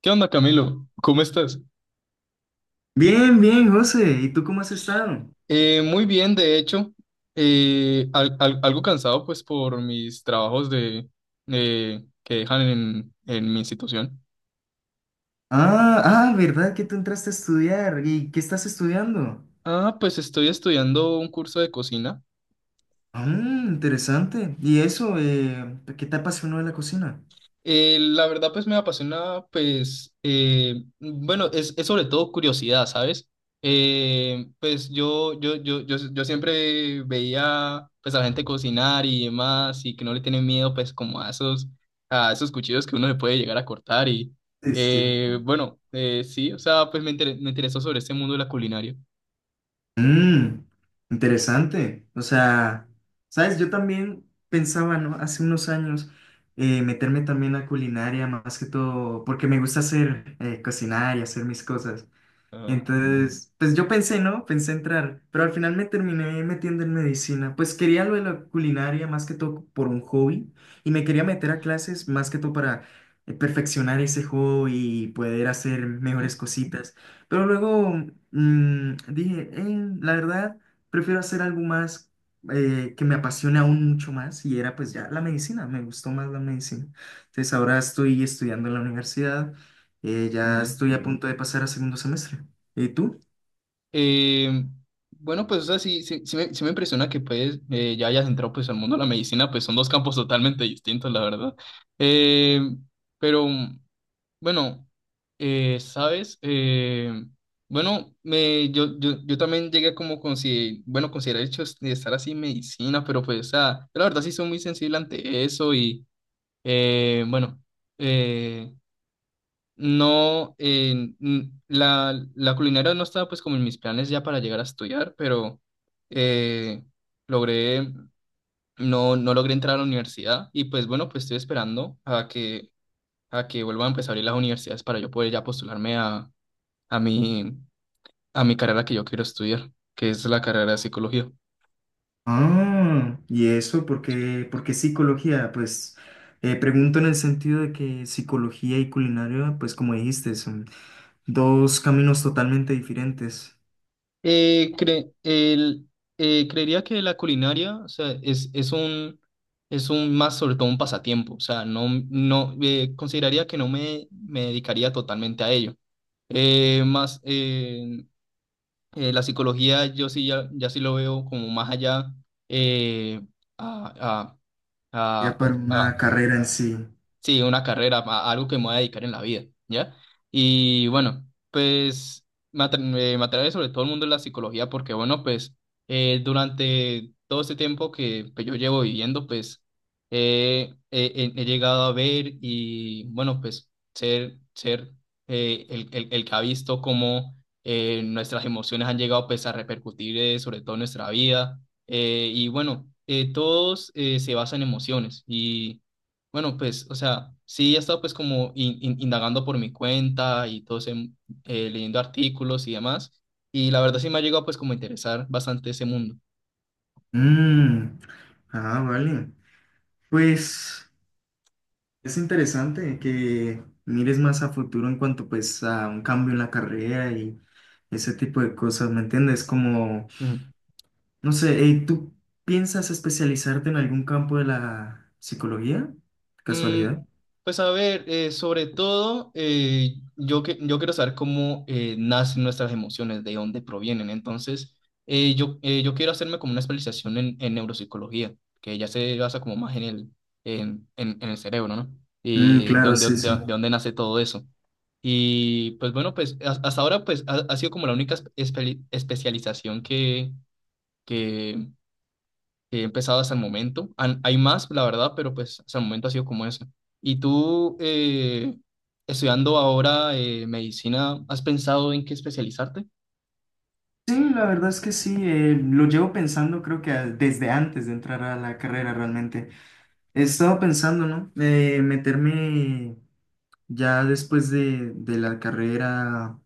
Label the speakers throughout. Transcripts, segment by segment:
Speaker 1: ¿Qué onda, Camilo? ¿Cómo estás?
Speaker 2: Bien, bien, José. ¿Y tú cómo has estado?
Speaker 1: Muy bien, de hecho, algo cansado pues por mis trabajos de, que dejan en mi institución.
Speaker 2: Ah, ah, ¿verdad que tú entraste a estudiar? ¿Y qué estás estudiando?
Speaker 1: Pues estoy estudiando un curso de cocina.
Speaker 2: Ah, interesante. ¿Y eso? ¿Qué te apasionó de la cocina?
Speaker 1: La verdad, pues me apasiona, pues, bueno, es sobre todo curiosidad, ¿sabes? Pues yo siempre veía, pues, a la gente cocinar y demás, y que no le tienen miedo, pues, como a a esos cuchillos que uno le puede llegar a cortar,
Speaker 2: Sí, sí.
Speaker 1: bueno, sí, o sea, pues me interesó sobre este mundo de la culinaria.
Speaker 2: Mm, interesante. O sea, sabes, yo también pensaba, ¿no? Hace unos años meterme también a culinaria, más que todo, porque me gusta hacer, cocinar y hacer mis cosas.
Speaker 1: Ah,
Speaker 2: Entonces, pues yo pensé, ¿no? Pensé entrar, pero al final me terminé metiendo en medicina. Pues quería lo de la culinaria más que todo por un hobby y me quería meter a clases más que todo para perfeccionar ese hobby y poder hacer mejores cositas. Pero luego dije, La verdad, prefiero hacer algo más que me apasione aún mucho más y era pues ya la medicina, me gustó más la medicina. Entonces ahora estoy estudiando en la universidad, ya
Speaker 1: ujú.
Speaker 2: estoy a punto de pasar a segundo semestre. ¿Y tú?
Speaker 1: Eh, bueno, pues, o sea, sí, sí, sí me impresiona que ya hayas entrado pues al mundo de la medicina, pues son dos campos totalmente distintos, la verdad. Eh, pero Bueno, ¿Sabes? Yo también llegué a como consi bueno, considerar el hecho de estar así en medicina, pero pues, o sea, yo la verdad sí soy muy sensible ante eso y, bueno, eh, no, n- La culinaria no estaba pues como en mis planes ya para llegar a estudiar, pero eh, logré, no, no logré entrar a la universidad y pues bueno, pues estoy esperando a que vuelvan a empezar a abrir las universidades para yo poder ya postularme a mi, a mi carrera que yo quiero estudiar, que es la carrera de psicología.
Speaker 2: Ah, ¿y eso? Por qué psicología? Pues pregunto en el sentido de que psicología y culinaria, pues como dijiste, son dos caminos totalmente diferentes,
Speaker 1: Eh, cre- el- creería que la culinaria, o sea, es es un más sobre todo un pasatiempo, o sea, no, no, consideraría que no me dedicaría totalmente a ello. Eh, más, eh, la psicología yo sí ya, ya sí lo veo como más allá eh, a, a, a,
Speaker 2: ya para una carrera en sí.
Speaker 1: Sí, una carrera, algo que me voy a dedicar en la vida, ¿ya? Y bueno, pues me atrae sobre todo el mundo de la psicología porque, bueno, pues durante todo este tiempo que pues, yo llevo viviendo, pues he llegado a ver y, bueno, ser el que ha visto cómo nuestras emociones han llegado pues a repercutir sobre todo en nuestra vida. Todos se basan en emociones y... Bueno, pues, o sea, sí he estado pues como indagando por mi cuenta y todo ese, mm, leyendo artículos y demás, y la verdad sí me ha llegado pues como a interesar bastante ese mundo.
Speaker 2: Mm, ah, vale. Pues es interesante que mires más a futuro en cuanto pues a un cambio en la carrera y ese tipo de cosas, ¿me entiendes? Como... No sé, ¿tú piensas especializarte en algún campo de la psicología?
Speaker 1: Mm,
Speaker 2: ¿Casualidad?
Speaker 1: pues a ver, sobre todo, yo quiero saber cómo nacen nuestras emociones, de dónde provienen. Entonces, yo quiero hacerme como una especialización en neuropsicología, que ya se basa como más en el cerebro, ¿no?
Speaker 2: Mm,
Speaker 1: Y de
Speaker 2: claro,
Speaker 1: dónde,
Speaker 2: sí, sí.
Speaker 1: de dónde nace todo eso. Y pues bueno, pues hasta ahora pues ha sido como la única especialización que he empezado hasta el momento. Hay más, la verdad, pero pues hasta el momento ha sido como eso. ¿Y tú, estudiando ahora medicina, has pensado en qué especializarte?
Speaker 2: Sí, la verdad es que sí, lo llevo pensando creo que desde antes de entrar a la carrera realmente. He estado pensando, ¿no? Meterme ya después de la carrera.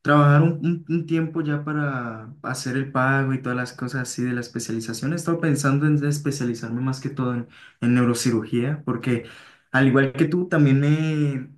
Speaker 2: Trabajar un tiempo ya para hacer el pago y todas las cosas así de la especialización. He estado pensando en especializarme más que todo en neurocirugía, porque al igual que tú, también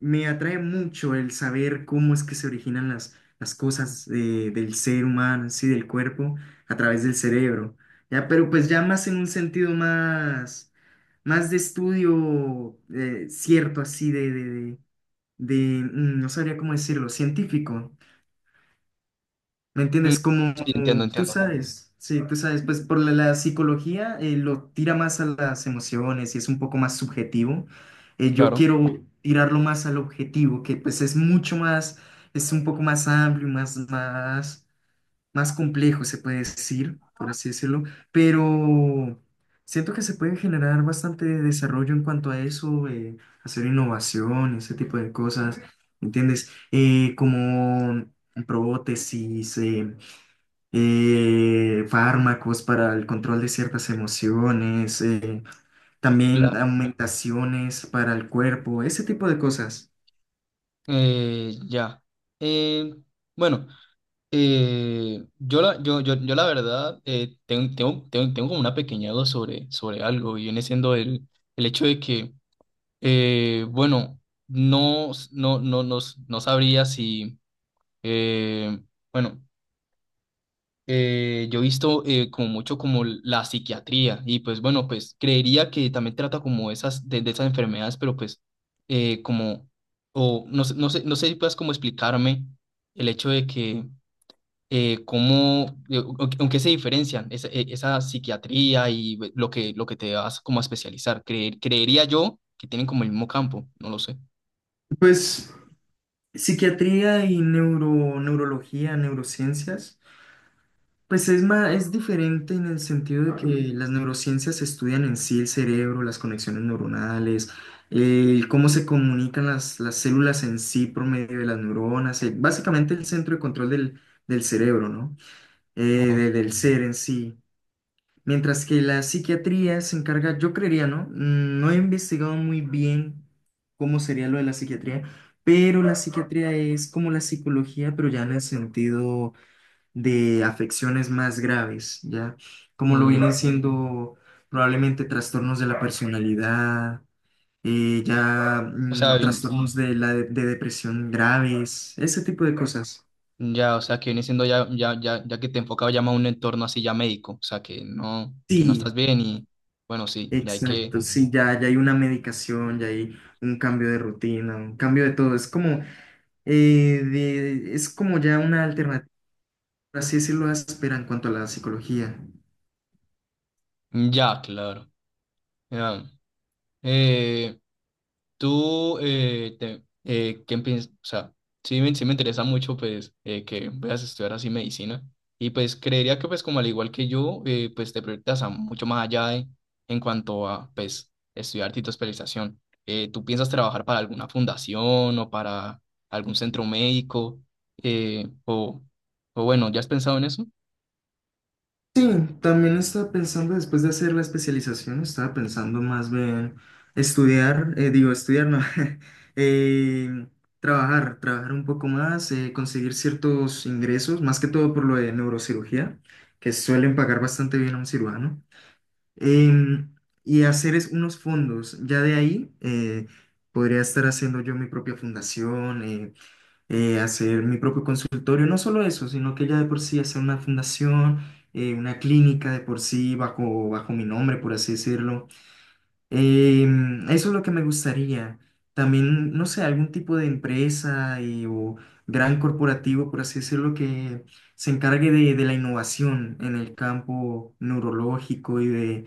Speaker 2: me atrae mucho el saber cómo es que se originan las cosas del ser humano, sí, del cuerpo, a través del cerebro. Ya, pero pues ya más en un sentido más, más de estudio cierto, así no sabría cómo decirlo, científico. ¿Me
Speaker 1: Mm,
Speaker 2: entiendes? Como
Speaker 1: sí, entiendo,
Speaker 2: tú
Speaker 1: entiendo.
Speaker 2: sabes, sí, tú sabes, pues por la psicología lo tira más a las emociones y es un poco más subjetivo. Yo
Speaker 1: Claro.
Speaker 2: quiero tirarlo más al objetivo, que pues es mucho más, es un poco más amplio, más complejo, se puede decir, por así decirlo, pero siento que se puede generar bastante desarrollo en cuanto a eso, hacer innovación, ese tipo de cosas, ¿me entiendes? Como prótesis, fármacos para el control de ciertas emociones, también
Speaker 1: La-
Speaker 2: aumentaciones para el cuerpo, ese tipo de cosas.
Speaker 1: ya. Eh, bueno, yo la verdad tengo como una pequeña duda sobre algo y viene siendo el hecho de que, eh, bueno, no, no, no, no, no sabría si Eh, bueno, yo he visto como mucho como la psiquiatría y pues bueno, pues creería que también trata como esas de esas enfermedades, pero pues eh, como, o no sé, no sé si puedas como explicarme el hecho de que aunque se diferencian esa psiquiatría y lo lo que te vas como a especializar. Creería yo que tienen como el mismo campo, no lo sé.
Speaker 2: Pues psiquiatría y neurología, neurociencias, pues es más, es diferente en el sentido de que las neurociencias estudian en sí el cerebro, las conexiones neuronales, el cómo se comunican las células en sí por medio de las neuronas, básicamente el centro de control del cerebro, ¿no?
Speaker 1: Ajá.
Speaker 2: Del ser en sí. Mientras que la psiquiatría se encarga, yo creería, ¿no? Mm, no he investigado muy bien cómo sería lo de la psiquiatría, pero la psiquiatría es como la psicología, pero ya en el sentido de afecciones más graves, ¿ya? Como lo
Speaker 1: Mm,
Speaker 2: vienen siendo probablemente trastornos de la personalidad, ya
Speaker 1: o sea,
Speaker 2: mm, trastornos de la de depresión graves, ese tipo de cosas.
Speaker 1: ya, o sea, que viene siendo ya, ya, ya, ya que te enfocaba ya más a un entorno así ya médico, o sea, que no
Speaker 2: Sí,
Speaker 1: estás bien y bueno, sí, ya hay que,
Speaker 2: exacto, sí, ya, ya hay una medicación, ya hay un cambio de rutina, un cambio de todo. Es como, es como ya una alternativa, por así decirlo, áspera en cuanto a la psicología.
Speaker 1: ya, claro, ya. Eh, ¿Qué piensas? O sea, sí me interesa mucho, pues, que veas estudiar así medicina. Y pues creería que, pues, como al igual que yo, pues te proyectas a mucho más allá en cuanto a, pues, estudiar tu especialización. ¿Tú piensas trabajar para alguna fundación o para algún centro médico? Eh, o, o bueno, ¿ya has pensado en eso?
Speaker 2: Sí, también estaba pensando, después de hacer la especialización, estaba pensando más bien estudiar, digo, estudiar, no, eh, trabajar un poco más, conseguir ciertos ingresos, más que todo por lo de neurocirugía, que suelen pagar bastante bien a un cirujano. em, y hacer es unos fondos. Ya de ahí podría estar haciendo yo mi propia fundación, hacer mi propio consultorio. No solo eso, sino que ya de por sí hacer una fundación, una clínica de por sí bajo mi nombre, por así decirlo. Eso es lo que me gustaría. También, no sé, algún tipo de empresa o gran corporativo, por así decirlo, que se encargue de la innovación en el campo neurológico y de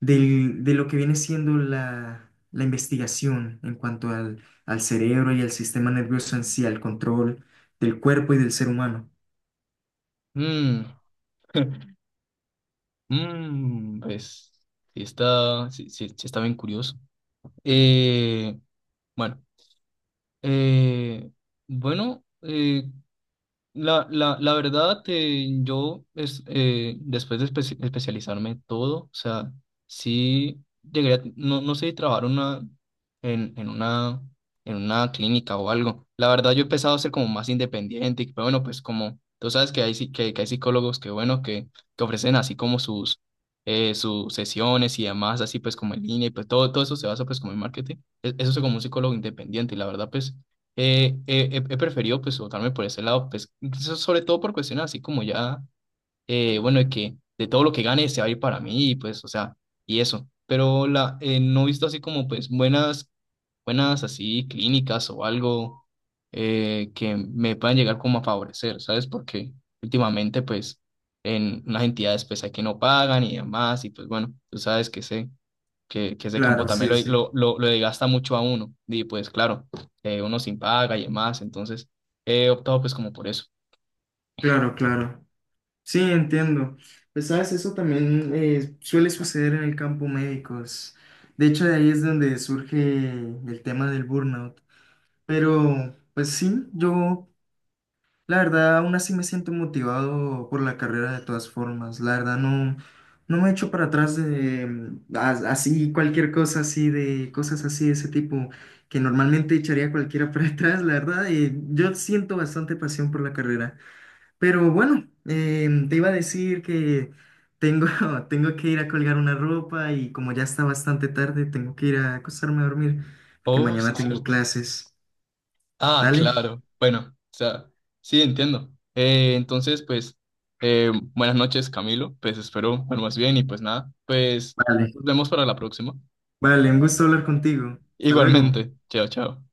Speaker 2: del- de lo que viene siendo la investigación en cuanto al cerebro y al sistema nervioso en sí, al control del cuerpo y del ser humano.
Speaker 1: Mm, mm, pues, sí está, sí, sí sí está bien curioso. Eh, bueno, eh, bueno, eh, la verdad, después de especializarme todo, o sea, no, no sé, trabajar una, en, en una, en una clínica o algo. La verdad, yo he empezado a ser como más independiente, y, pero bueno, pues como tú sabes que que hay psicólogos que que ofrecen así como sus sesiones y demás, así pues como en línea, y pues todo eso se basa pues como en marketing. Eso es como un psicólogo independiente y la verdad, pues he preferido pues votarme por ese lado, pues sobre todo por cuestiones así como ya, bueno, de que de todo lo que gane se va a ir para mí, y pues, o sea, y eso. Pero no he visto así como pues buenas así clínicas o algo que me puedan llegar como a favorecer, ¿sabes? Porque últimamente pues en unas entidades pues hay que no pagan y demás, y pues bueno, tú sabes que sé que ese campo
Speaker 2: Claro,
Speaker 1: también
Speaker 2: sí, sí.
Speaker 1: lo desgasta mucho a uno. Y pues claro, uno sin paga y demás, entonces he optado pues como por eso.
Speaker 2: Claro, claro. Sí, entiendo. Pues sabes, eso también suele suceder en el campo médico. De hecho, de ahí es donde surge el tema del burnout. Pero, pues sí, yo la verdad, aún así me siento motivado por la carrera de todas formas. La verdad, no, no me echo para atrás de así, cualquier cosa así, de cosas así de ese tipo que normalmente echaría cualquiera para atrás. La verdad, yo siento bastante pasión por la carrera. Pero bueno, te iba a decir que tengo, tengo que ir a colgar una ropa y como ya está bastante tarde, tengo que ir a acostarme a dormir porque
Speaker 1: Oh,
Speaker 2: mañana
Speaker 1: sí,
Speaker 2: tengo
Speaker 1: cierto.
Speaker 2: clases.
Speaker 1: Ah,
Speaker 2: ¿Dale?
Speaker 1: claro. Bueno, o sea, sí, entiendo. Entonces, pues, buenas noches, Camilo. Pues espero bueno, más bien y pues nada, pues
Speaker 2: Vale.
Speaker 1: nos vemos para la próxima.
Speaker 2: Vale, un gusto hablar contigo. Hasta luego.
Speaker 1: Igualmente. Chao, chao.